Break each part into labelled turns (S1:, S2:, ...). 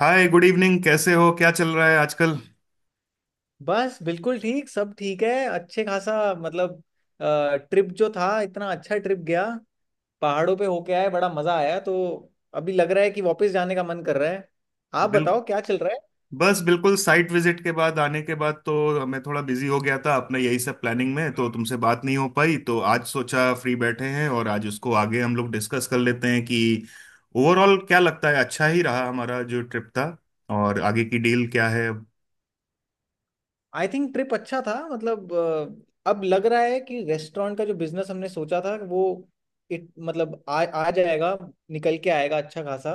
S1: हाय, good evening. कैसे हो? क्या चल रहा है आजकल?
S2: बस बिल्कुल ठीक। सब ठीक है। अच्छे खासा। मतलब, ट्रिप जो था, इतना अच्छा ट्रिप गया। पहाड़ों पे होके आए, बड़ा मजा आया। तो अभी लग रहा है कि वापस जाने का मन कर रहा है। आप
S1: बिल,
S2: बताओ क्या चल रहा है?
S1: बस बिल्कुल साइट विजिट के बाद, आने के बाद तो मैं थोड़ा बिजी हो गया था अपना यही सब प्लानिंग में, तो तुमसे बात नहीं हो पाई। तो आज सोचा फ्री बैठे हैं और आज उसको आगे हम लोग डिस्कस कर लेते हैं कि ओवरऑल क्या लगता है, अच्छा ही रहा हमारा जो ट्रिप था, और आगे की डील क्या है। हम्म।
S2: आई थिंक ट्रिप अच्छा था। मतलब अब लग रहा है कि रेस्टोरेंट का जो बिजनेस हमने सोचा था वो मतलब आ जाएगा, निकल के आएगा अच्छा खासा।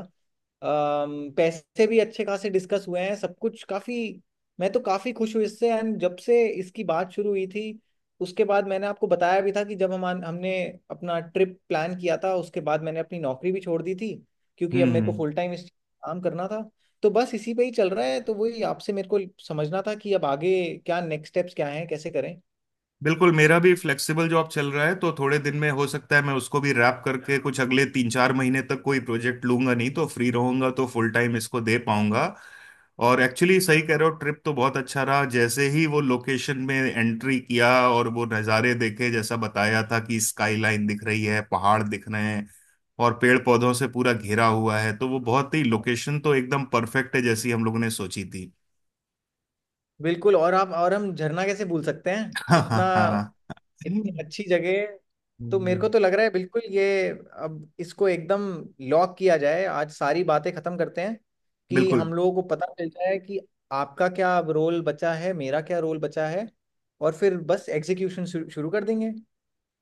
S2: पैसे भी अच्छे खासे डिस्कस हुए हैं, सब कुछ काफी। मैं तो काफी खुश हूँ इससे। एंड जब से इसकी बात शुरू हुई थी, उसके बाद मैंने आपको बताया भी था कि जब हम हमने अपना ट्रिप प्लान किया था, उसके बाद मैंने अपनी नौकरी भी छोड़ दी थी, क्योंकि अब मेरे को
S1: हम्म।
S2: फुल टाइम इस काम करना था। तो बस इसी पे ही चल रहा है। तो वही आपसे मेरे को समझना था कि अब आगे क्या नेक्स्ट स्टेप्स क्या हैं, कैसे करें।
S1: बिल्कुल, मेरा भी फ्लेक्सिबल जॉब चल रहा है, तो थोड़े दिन में हो सकता है मैं उसको भी रैप करके कुछ अगले तीन चार महीने तक कोई प्रोजेक्ट लूंगा नहीं, तो फ्री रहूंगा, तो फुल टाइम इसको दे पाऊंगा। और एक्चुअली सही कह रहे हो, ट्रिप तो बहुत अच्छा रहा। जैसे ही वो लोकेशन में एंट्री किया और वो नज़ारे देखे, जैसा बताया था कि स्काई लाइन दिख रही है, पहाड़ दिख रहे हैं, और पेड़ पौधों से पूरा घिरा हुआ है, तो वो बहुत ही, लोकेशन तो एकदम परफेक्ट है जैसी हम लोगों ने सोची थी।
S2: बिल्कुल। और आप और हम झरना कैसे भूल सकते हैं,
S1: हाँ, हाँ।
S2: इतना,
S1: हाँ।
S2: इतनी अच्छी जगह। तो मेरे को तो लग रहा है, बिल्कुल ये, अब इसको एकदम लॉक किया जाए। आज सारी बातें खत्म करते हैं कि
S1: बिल्कुल।
S2: हम लोगों को पता चल जाए कि आपका क्या रोल बचा है, मेरा क्या रोल बचा है, और फिर बस एग्जीक्यूशन शुरू शुरू कर देंगे।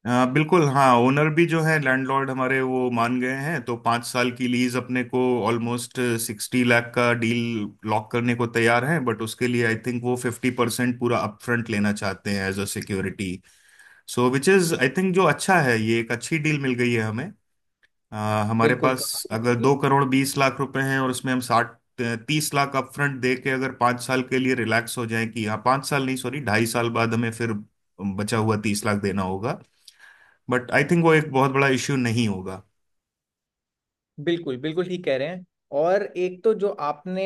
S1: बिल्कुल। हाँ, ओनर भी जो है, लैंडलॉर्ड हमारे, वो मान गए हैं, तो पाँच साल की लीज अपने को ऑलमोस्ट 60 लाख का डील लॉक करने को तैयार हैं। बट उसके लिए आई थिंक वो 50% पूरा अपफ्रंट लेना चाहते हैं as a security. So which is, I think, जो अच्छा है, ये एक अच्छी डील मिल गई है हमें। हमारे
S2: बिल्कुल,
S1: पास अगर 2 करोड़ 20 लाख रुपए हैं, और उसमें हम साठ, 30 लाख अपफ्रंट दे के अगर 5 साल के लिए रिलैक्स हो जाए कि हाँ, 5 साल नहीं, सॉरी, 2.5 साल बाद हमें फिर बचा हुआ 30 लाख देना होगा। बट आई थिंक वो एक बहुत बड़ा इश्यू नहीं होगा।
S2: बिल्कुल, बिल्कुल ठीक कह रहे हैं। और एक तो जो आपने,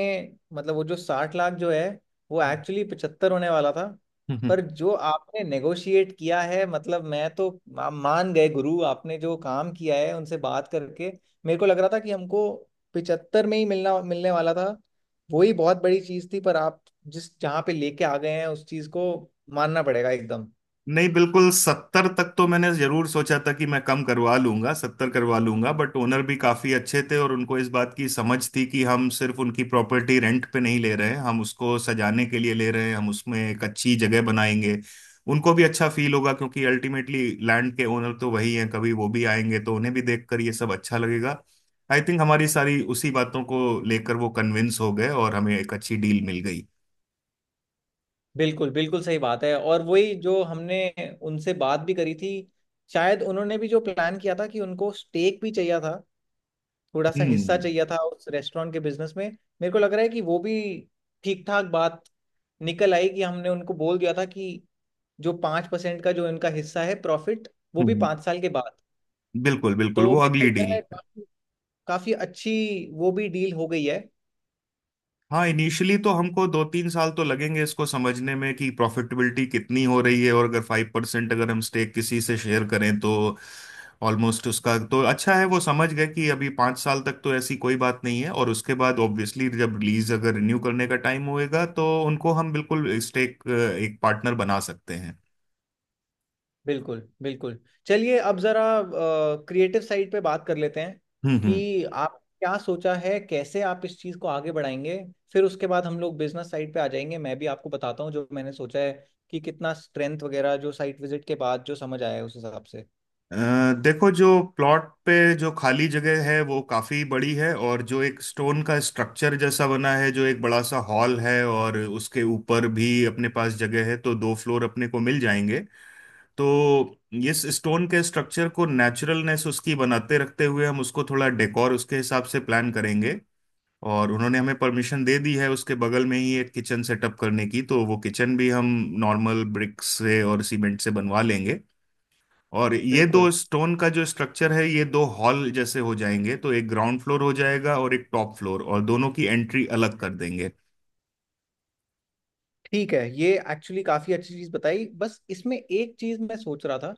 S2: मतलब वो जो 60 लाख जो है, वो एक्चुअली 75 होने वाला था। पर जो आपने नेगोशिएट किया है, मतलब मैं तो मान गए गुरु, आपने जो काम किया है उनसे बात करके। मेरे को लग रहा था कि हमको 75 में ही मिलना मिलने वाला था। वही बहुत बड़ी चीज थी, पर आप जिस जहाँ पे लेके आ गए हैं उस चीज को मानना पड़ेगा एकदम।
S1: नहीं, बिल्कुल, सत्तर तक तो मैंने जरूर सोचा था कि मैं कम करवा लूंगा, सत्तर करवा लूंगा। बट ओनर भी काफी अच्छे थे और उनको इस बात की समझ थी कि हम सिर्फ उनकी प्रॉपर्टी रेंट पे नहीं ले रहे हैं, हम उसको सजाने के लिए ले रहे हैं, हम उसमें एक अच्छी जगह बनाएंगे। उनको भी अच्छा फील होगा, क्योंकि अल्टीमेटली लैंड के ओनर तो वही हैं। कभी वो भी आएंगे तो उन्हें भी देखकर ये सब अच्छा लगेगा। आई थिंक हमारी सारी उसी बातों को लेकर वो कन्विंस हो गए और हमें एक अच्छी डील मिल गई।
S2: बिल्कुल, बिल्कुल सही बात है। और वही जो हमने उनसे बात भी करी थी, शायद उन्होंने भी जो प्लान किया था कि उनको स्टेक भी चाहिए था, थोड़ा सा हिस्सा
S1: हम्म,
S2: चाहिए था उस रेस्टोरेंट के बिजनेस में। मेरे को लग रहा है कि वो भी ठीक ठाक बात निकल आई, कि हमने उनको बोल दिया था कि जो 5% का जो इनका हिस्सा है, प्रॉफिट, वो
S1: हम्म।
S2: भी
S1: हम्म।
S2: 5 साल के बाद।
S1: बिल्कुल, बिल्कुल,
S2: तो
S1: वो
S2: मेरे को
S1: अगली
S2: लग रहा
S1: डील
S2: है
S1: पे।
S2: काफी काफी अच्छी वो भी डील हो गई है।
S1: हाँ, इनिशियली तो हमको दो तीन साल तो लगेंगे इसको समझने में कि प्रॉफिटेबिलिटी कितनी हो रही है। और अगर 5% अगर हम स्टेक किसी से शेयर करें तो ऑलमोस्ट उसका तो, अच्छा है वो समझ गए कि अभी 5 साल तक तो ऐसी कोई बात नहीं है और उसके बाद ऑब्वियसली जब लीज अगर रिन्यू करने का टाइम होएगा तो उनको हम बिल्कुल स्टेक, एक पार्टनर बना सकते हैं।
S2: बिल्कुल, बिल्कुल। चलिए, अब जरा क्रिएटिव साइड पे बात कर लेते हैं
S1: हम्म,
S2: कि आप क्या सोचा है, कैसे आप इस चीज़ को आगे बढ़ाएंगे। फिर उसके बाद हम लोग बिजनेस साइड पे आ जाएंगे। मैं भी आपको बताता हूँ जो मैंने सोचा है, कि कितना स्ट्रेंथ वगैरह जो साइट विजिट के बाद जो समझ आया है उस हिसाब से।
S1: अ, देखो, जो प्लॉट पे जो खाली जगह है वो काफी बड़ी है, और जो एक स्टोन का स्ट्रक्चर जैसा बना है, जो एक बड़ा सा हॉल है, और उसके ऊपर भी अपने पास जगह है, तो 2 फ्लोर अपने को मिल जाएंगे। तो इस स्टोन के स्ट्रक्चर को नेचुरलनेस उसकी बनाते रखते हुए हम उसको थोड़ा डेकोर उसके हिसाब से प्लान करेंगे। और उन्होंने हमें परमिशन दे दी है उसके बगल में ही एक किचन सेटअप करने की, तो वो किचन भी हम नॉर्मल ब्रिक्स से और सीमेंट से बनवा लेंगे। और ये दो
S2: बिल्कुल।
S1: स्टोन का जो स्ट्रक्चर है, ये 2 हॉल जैसे हो जाएंगे, तो एक ग्राउंड फ्लोर हो जाएगा और एक टॉप फ्लोर, और दोनों की एंट्री अलग कर देंगे।
S2: ठीक है, ये एक्चुअली काफ़ी अच्छी चीज़ बताई। बस इसमें एक चीज़ मैं सोच रहा था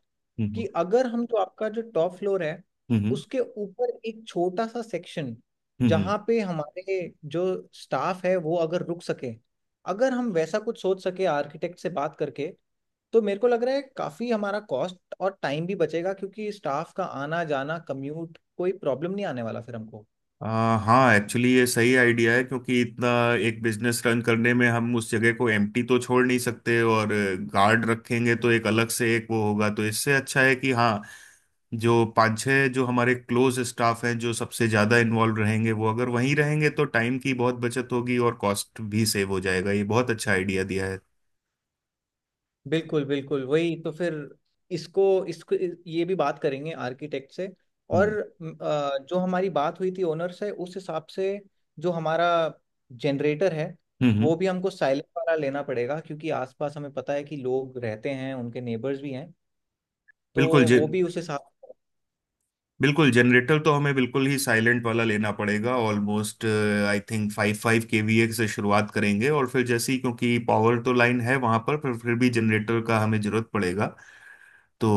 S2: कि
S1: हम्म,
S2: अगर हम, जो आपका जो टॉप फ्लोर है,
S1: हम्म।
S2: उसके ऊपर एक छोटा सा सेक्शन,
S1: हम्म, हम्म।
S2: जहाँ पे हमारे जो स्टाफ है वो अगर रुक सके, अगर हम वैसा कुछ सोच सके आर्किटेक्ट से बात करके, तो मेरे को लग रहा है काफ़ी हमारा कॉस्ट और टाइम भी बचेगा, क्योंकि स्टाफ का आना जाना कम्यूट कोई प्रॉब्लम नहीं आने वाला फिर हमको।
S1: हाँ, एक्चुअली ये सही आइडिया है, क्योंकि इतना एक बिजनेस रन करने में हम उस जगह को एम्प्टी तो छोड़ नहीं सकते, और गार्ड रखेंगे तो एक अलग से एक वो होगा, तो इससे अच्छा है कि हाँ, जो पांच छह जो हमारे क्लोज स्टाफ हैं जो सबसे ज्यादा इन्वॉल्व रहेंगे, वो अगर वहीं रहेंगे तो टाइम की बहुत बचत होगी और कॉस्ट भी सेव हो जाएगा। ये बहुत अच्छा आइडिया दिया है।
S2: बिल्कुल, बिल्कुल वही। तो फिर इसको इसको ये भी बात करेंगे आर्किटेक्ट से। और
S1: हम्म,
S2: जो हमारी बात हुई थी ओनर से, उस हिसाब से जो हमारा जनरेटर है,
S1: हम्म।
S2: वो भी हमको साइलेंट वाला लेना पड़ेगा, क्योंकि आसपास हमें पता है कि लोग रहते हैं, उनके नेबर्स भी हैं। तो
S1: बिल्कुल। जे
S2: वो भी उस हिसाब।
S1: बिल्कुल, जनरेटर तो हमें बिल्कुल ही साइलेंट वाला लेना पड़ेगा। ऑलमोस्ट आई थिंक 5 5 KVA से शुरुआत करेंगे, और फिर जैसे ही, क्योंकि पावर तो लाइन है वहां पर फिर भी जनरेटर का हमें जरूरत पड़ेगा। तो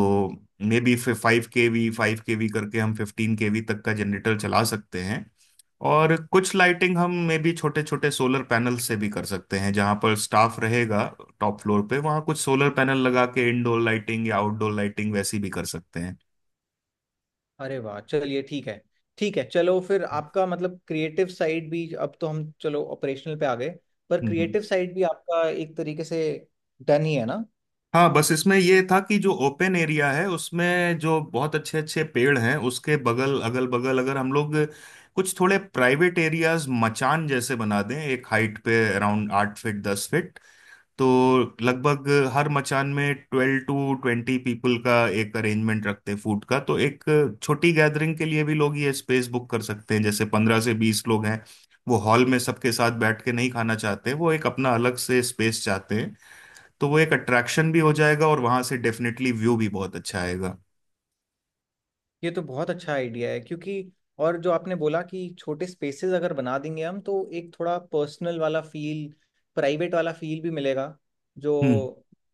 S1: मे बी 5 KV 5 KV करके हम 15 KV तक का जनरेटर चला सकते हैं। और कुछ लाइटिंग हम मे बी छोटे छोटे सोलर पैनल से भी कर सकते हैं, जहां पर स्टाफ रहेगा, टॉप फ्लोर पे, वहां कुछ सोलर पैनल लगा के इंडोर लाइटिंग या आउटडोर लाइटिंग वैसी भी कर सकते हैं।
S2: अरे वाह, चलिए ठीक है। ठीक है, चलो फिर आपका मतलब क्रिएटिव साइड भी, अब तो हम चलो ऑपरेशनल पे आ गए, पर
S1: हम्म,
S2: क्रिएटिव साइड भी आपका एक तरीके से डन ही है ना।
S1: हाँ, बस इसमें ये था कि जो ओपन एरिया है उसमें जो बहुत अच्छे अच्छे पेड़ हैं, उसके बगल, अगल बगल, अगर हम लोग कुछ थोड़े प्राइवेट एरियाज मचान जैसे बना दें, एक हाइट पे, अराउंड 8 फीट 10 फीट, तो लगभग हर मचान में 12 to 20 पीपल का एक अरेंजमेंट रखते हैं फूड का, तो एक छोटी गैदरिंग के लिए भी लोग ये स्पेस बुक कर सकते हैं। जैसे 15 से 20 लोग हैं वो हॉल में सबके साथ बैठ के नहीं खाना चाहते, वो एक अपना अलग से स्पेस चाहते हैं, तो वो एक अट्रैक्शन भी हो जाएगा और वहां से डेफिनेटली व्यू भी बहुत अच्छा आएगा।
S2: ये तो बहुत अच्छा आइडिया है, क्योंकि और जो आपने बोला कि छोटे स्पेसेस अगर बना देंगे हम, तो एक थोड़ा पर्सनल वाला फील, प्राइवेट वाला फील भी मिलेगा। जो
S1: हम्म,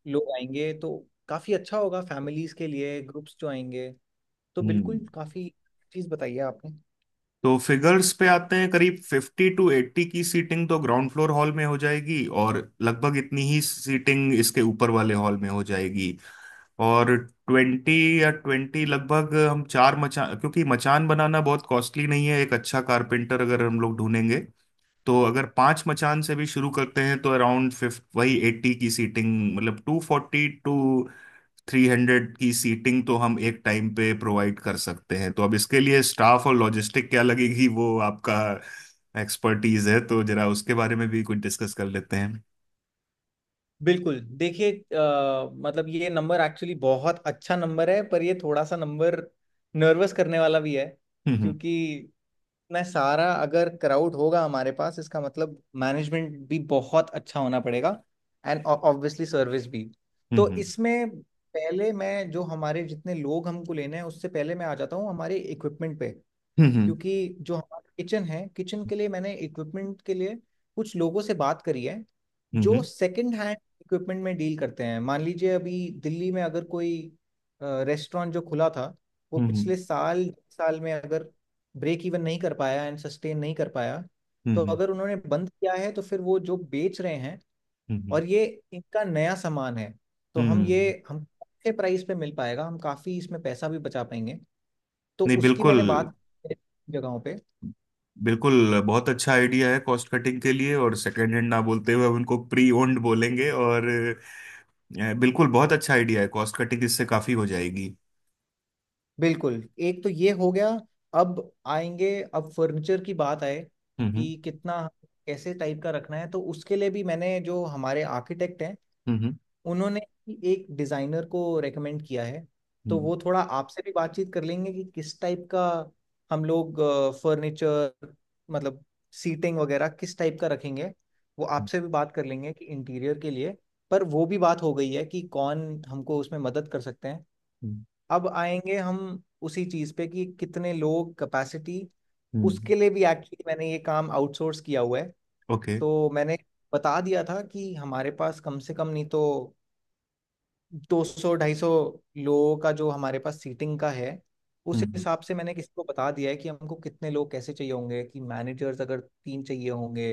S2: लोग आएंगे, तो काफ़ी अच्छा होगा फैमिलीज़ के लिए, ग्रुप्स जो आएंगे। तो
S1: हम्म।
S2: बिल्कुल, काफ़ी चीज़ बताइए आपने।
S1: तो फिगर्स पे आते हैं। करीब 50 to 80 की सीटिंग तो ग्राउंड फ्लोर हॉल में हो जाएगी, और लगभग इतनी ही सीटिंग इसके ऊपर वाले हॉल में हो जाएगी। और ट्वेंटी या ट्वेंटी, लगभग हम 4 मचान, क्योंकि मचान बनाना बहुत कॉस्टली नहीं है, एक अच्छा कारपेंटर अगर हम लोग ढूंढेंगे। तो अगर 5 मचान से भी शुरू करते हैं तो अराउंड फिफ्थ वही एट्टी की सीटिंग, मतलब 240 टू 300 की सीटिंग तो हम एक टाइम पे प्रोवाइड कर सकते हैं। तो अब इसके लिए स्टाफ और लॉजिस्टिक क्या लगेगी, वो आपका एक्सपर्टीज है, तो जरा उसके बारे में भी कुछ डिस्कस कर लेते हैं।
S2: बिल्कुल, देखिए मतलब ये नंबर एक्चुअली बहुत अच्छा नंबर है, पर ये थोड़ा सा नंबर नर्वस करने वाला भी है,
S1: हम्म,
S2: क्योंकि मैं सारा अगर क्राउड होगा हमारे पास, इसका मतलब मैनेजमेंट भी बहुत अच्छा होना पड़ेगा, एंड ऑब्वियसली सर्विस भी। तो
S1: हम्म।
S2: इसमें, पहले मैं, जो हमारे जितने लोग हमको लेने हैं, उससे पहले मैं आ जाता हूँ हमारे इक्विपमेंट पे।
S1: हम्म, हम्म।
S2: क्योंकि जो हमारा किचन है, किचन के लिए मैंने इक्विपमेंट के लिए कुछ लोगों से बात करी है,
S1: हम्म,
S2: जो
S1: हम्म।
S2: सेकंड हैंड इक्विपमेंट में डील करते हैं। मान लीजिए, अभी दिल्ली में अगर कोई रेस्टोरेंट जो खुला था वो
S1: हम्म,
S2: पिछले साल साल में अगर ब्रेक इवन नहीं कर पाया, एंड सस्टेन नहीं कर पाया,
S1: हम्म।
S2: तो
S1: हम्म,
S2: अगर उन्होंने बंद किया है, तो फिर वो जो बेच रहे हैं,
S1: हम्म। हम्म,
S2: और ये इनका नया सामान है। तो हम ये
S1: हम्म।
S2: हम अच्छे प्राइस पे मिल पाएगा, हम काफ़ी इसमें पैसा भी बचा पाएंगे। तो
S1: नहीं,
S2: उसकी
S1: बिल्कुल,
S2: मैंने बात जगहों पे।
S1: बिल्कुल बहुत अच्छा आइडिया है कॉस्ट कटिंग के लिए, और सेकंड हैंड ना बोलते हुए हम उनको प्री ओन्ड बोलेंगे। और बिल्कुल बहुत अच्छा आइडिया है, कॉस्ट कटिंग इससे काफी हो जाएगी।
S2: बिल्कुल, एक तो ये हो गया। अब आएंगे, अब फर्नीचर की बात आए,
S1: हम्म,
S2: कि कितना, कैसे टाइप का रखना है। तो उसके लिए भी मैंने, जो हमारे आर्किटेक्ट हैं,
S1: हम्म।
S2: उन्होंने ही एक डिज़ाइनर को रेकमेंड किया है। तो
S1: हम्म,
S2: वो थोड़ा आपसे भी बातचीत कर लेंगे, कि किस टाइप का हम लोग फर्नीचर, मतलब सीटिंग वगैरह, किस टाइप का रखेंगे। वो आपसे भी बात कर लेंगे कि इंटीरियर के लिए। पर वो भी बात हो गई है कि कौन हमको उसमें मदद कर सकते हैं।
S1: हम्म।
S2: अब आएंगे हम उसी चीज पे, कि कितने लोग कैपेसिटी।
S1: हम्म।
S2: उसके लिए भी एक्चुअली मैंने ये काम आउटसोर्स किया हुआ है।
S1: ओके।
S2: तो मैंने बता दिया था, कि हमारे पास कम से कम नहीं तो 200 250 लोगों का जो हमारे पास सीटिंग का है,
S1: हम्म,
S2: उस
S1: हम्म।
S2: हिसाब से मैंने किसी को बता दिया है, कि हमको कितने लोग कैसे चाहिए होंगे, कि मैनेजर्स अगर तीन चाहिए होंगे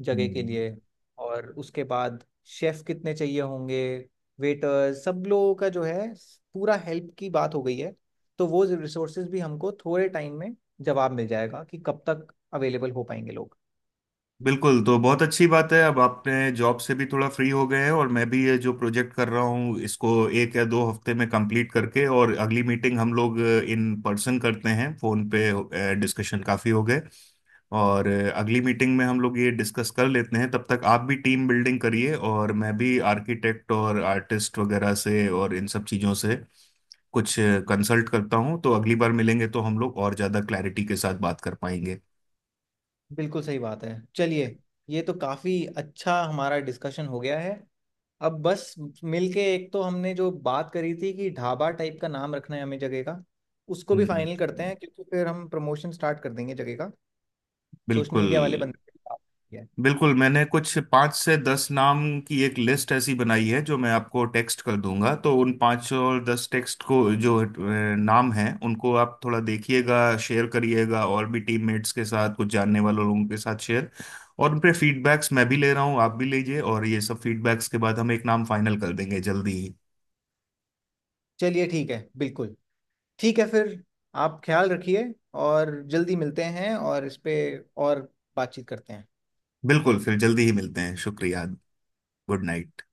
S2: जगह के
S1: हम्म।
S2: लिए। और उसके बाद शेफ कितने चाहिए होंगे, वेटर, सब लोगों का जो है, पूरा हेल्प की बात हो गई है। तो वो रिसोर्सेज भी हमको थोड़े टाइम में जवाब मिल जाएगा, कि कब तक अवेलेबल हो पाएंगे लोग।
S1: बिल्कुल, तो बहुत अच्छी बात है। अब आपने जॉब से भी थोड़ा फ्री हो गए हैं, और मैं भी ये जो प्रोजेक्ट कर रहा हूँ इसको एक या दो हफ्ते में कंप्लीट करके, और अगली मीटिंग हम लोग इन पर्सन करते हैं, फोन पे डिस्कशन काफी हो गए। और अगली मीटिंग में हम लोग ये डिस्कस कर लेते हैं। तब तक आप भी टीम बिल्डिंग करिए और मैं भी आर्किटेक्ट और आर्टिस्ट वगैरह से और इन सब चीज़ों से कुछ कंसल्ट करता हूँ, तो अगली बार मिलेंगे तो हम लोग और ज़्यादा क्लैरिटी के साथ बात कर पाएंगे।
S2: बिल्कुल सही बात है, चलिए। ये तो काफ़ी अच्छा हमारा डिस्कशन हो गया है। अब बस मिलके, एक तो हमने जो बात करी थी कि ढाबा टाइप का नाम रखना है हमें जगह का, उसको भी
S1: हम्म।
S2: फाइनल करते हैं, क्योंकि फिर हम प्रमोशन स्टार्ट कर देंगे जगह का, सोशल
S1: बिल्कुल।
S2: मीडिया वाले बंदे के साथ है।
S1: बिल्कुल, मैंने कुछ 5 से 10 नाम की एक लिस्ट ऐसी बनाई है जो मैं आपको टेक्स्ट कर दूंगा, तो उन 5 और 10 टेक्स्ट को, जो नाम हैं, उनको आप थोड़ा देखिएगा, शेयर करिएगा और भी टीममेट्स के साथ, कुछ जानने वाले लोगों के साथ शेयर। और उन पे फीडबैक्स मैं भी ले रहा हूँ, आप भी लीजिए, और ये सब फीडबैक्स के बाद हम एक नाम फाइनल कर देंगे जल्दी ही।
S2: चलिए ठीक है, बिल्कुल ठीक है फिर। आप ख्याल रखिए, और जल्दी मिलते हैं और इस पे और बातचीत करते हैं।
S1: बिल्कुल, फिर जल्दी ही मिलते हैं। शुक्रिया। Good night.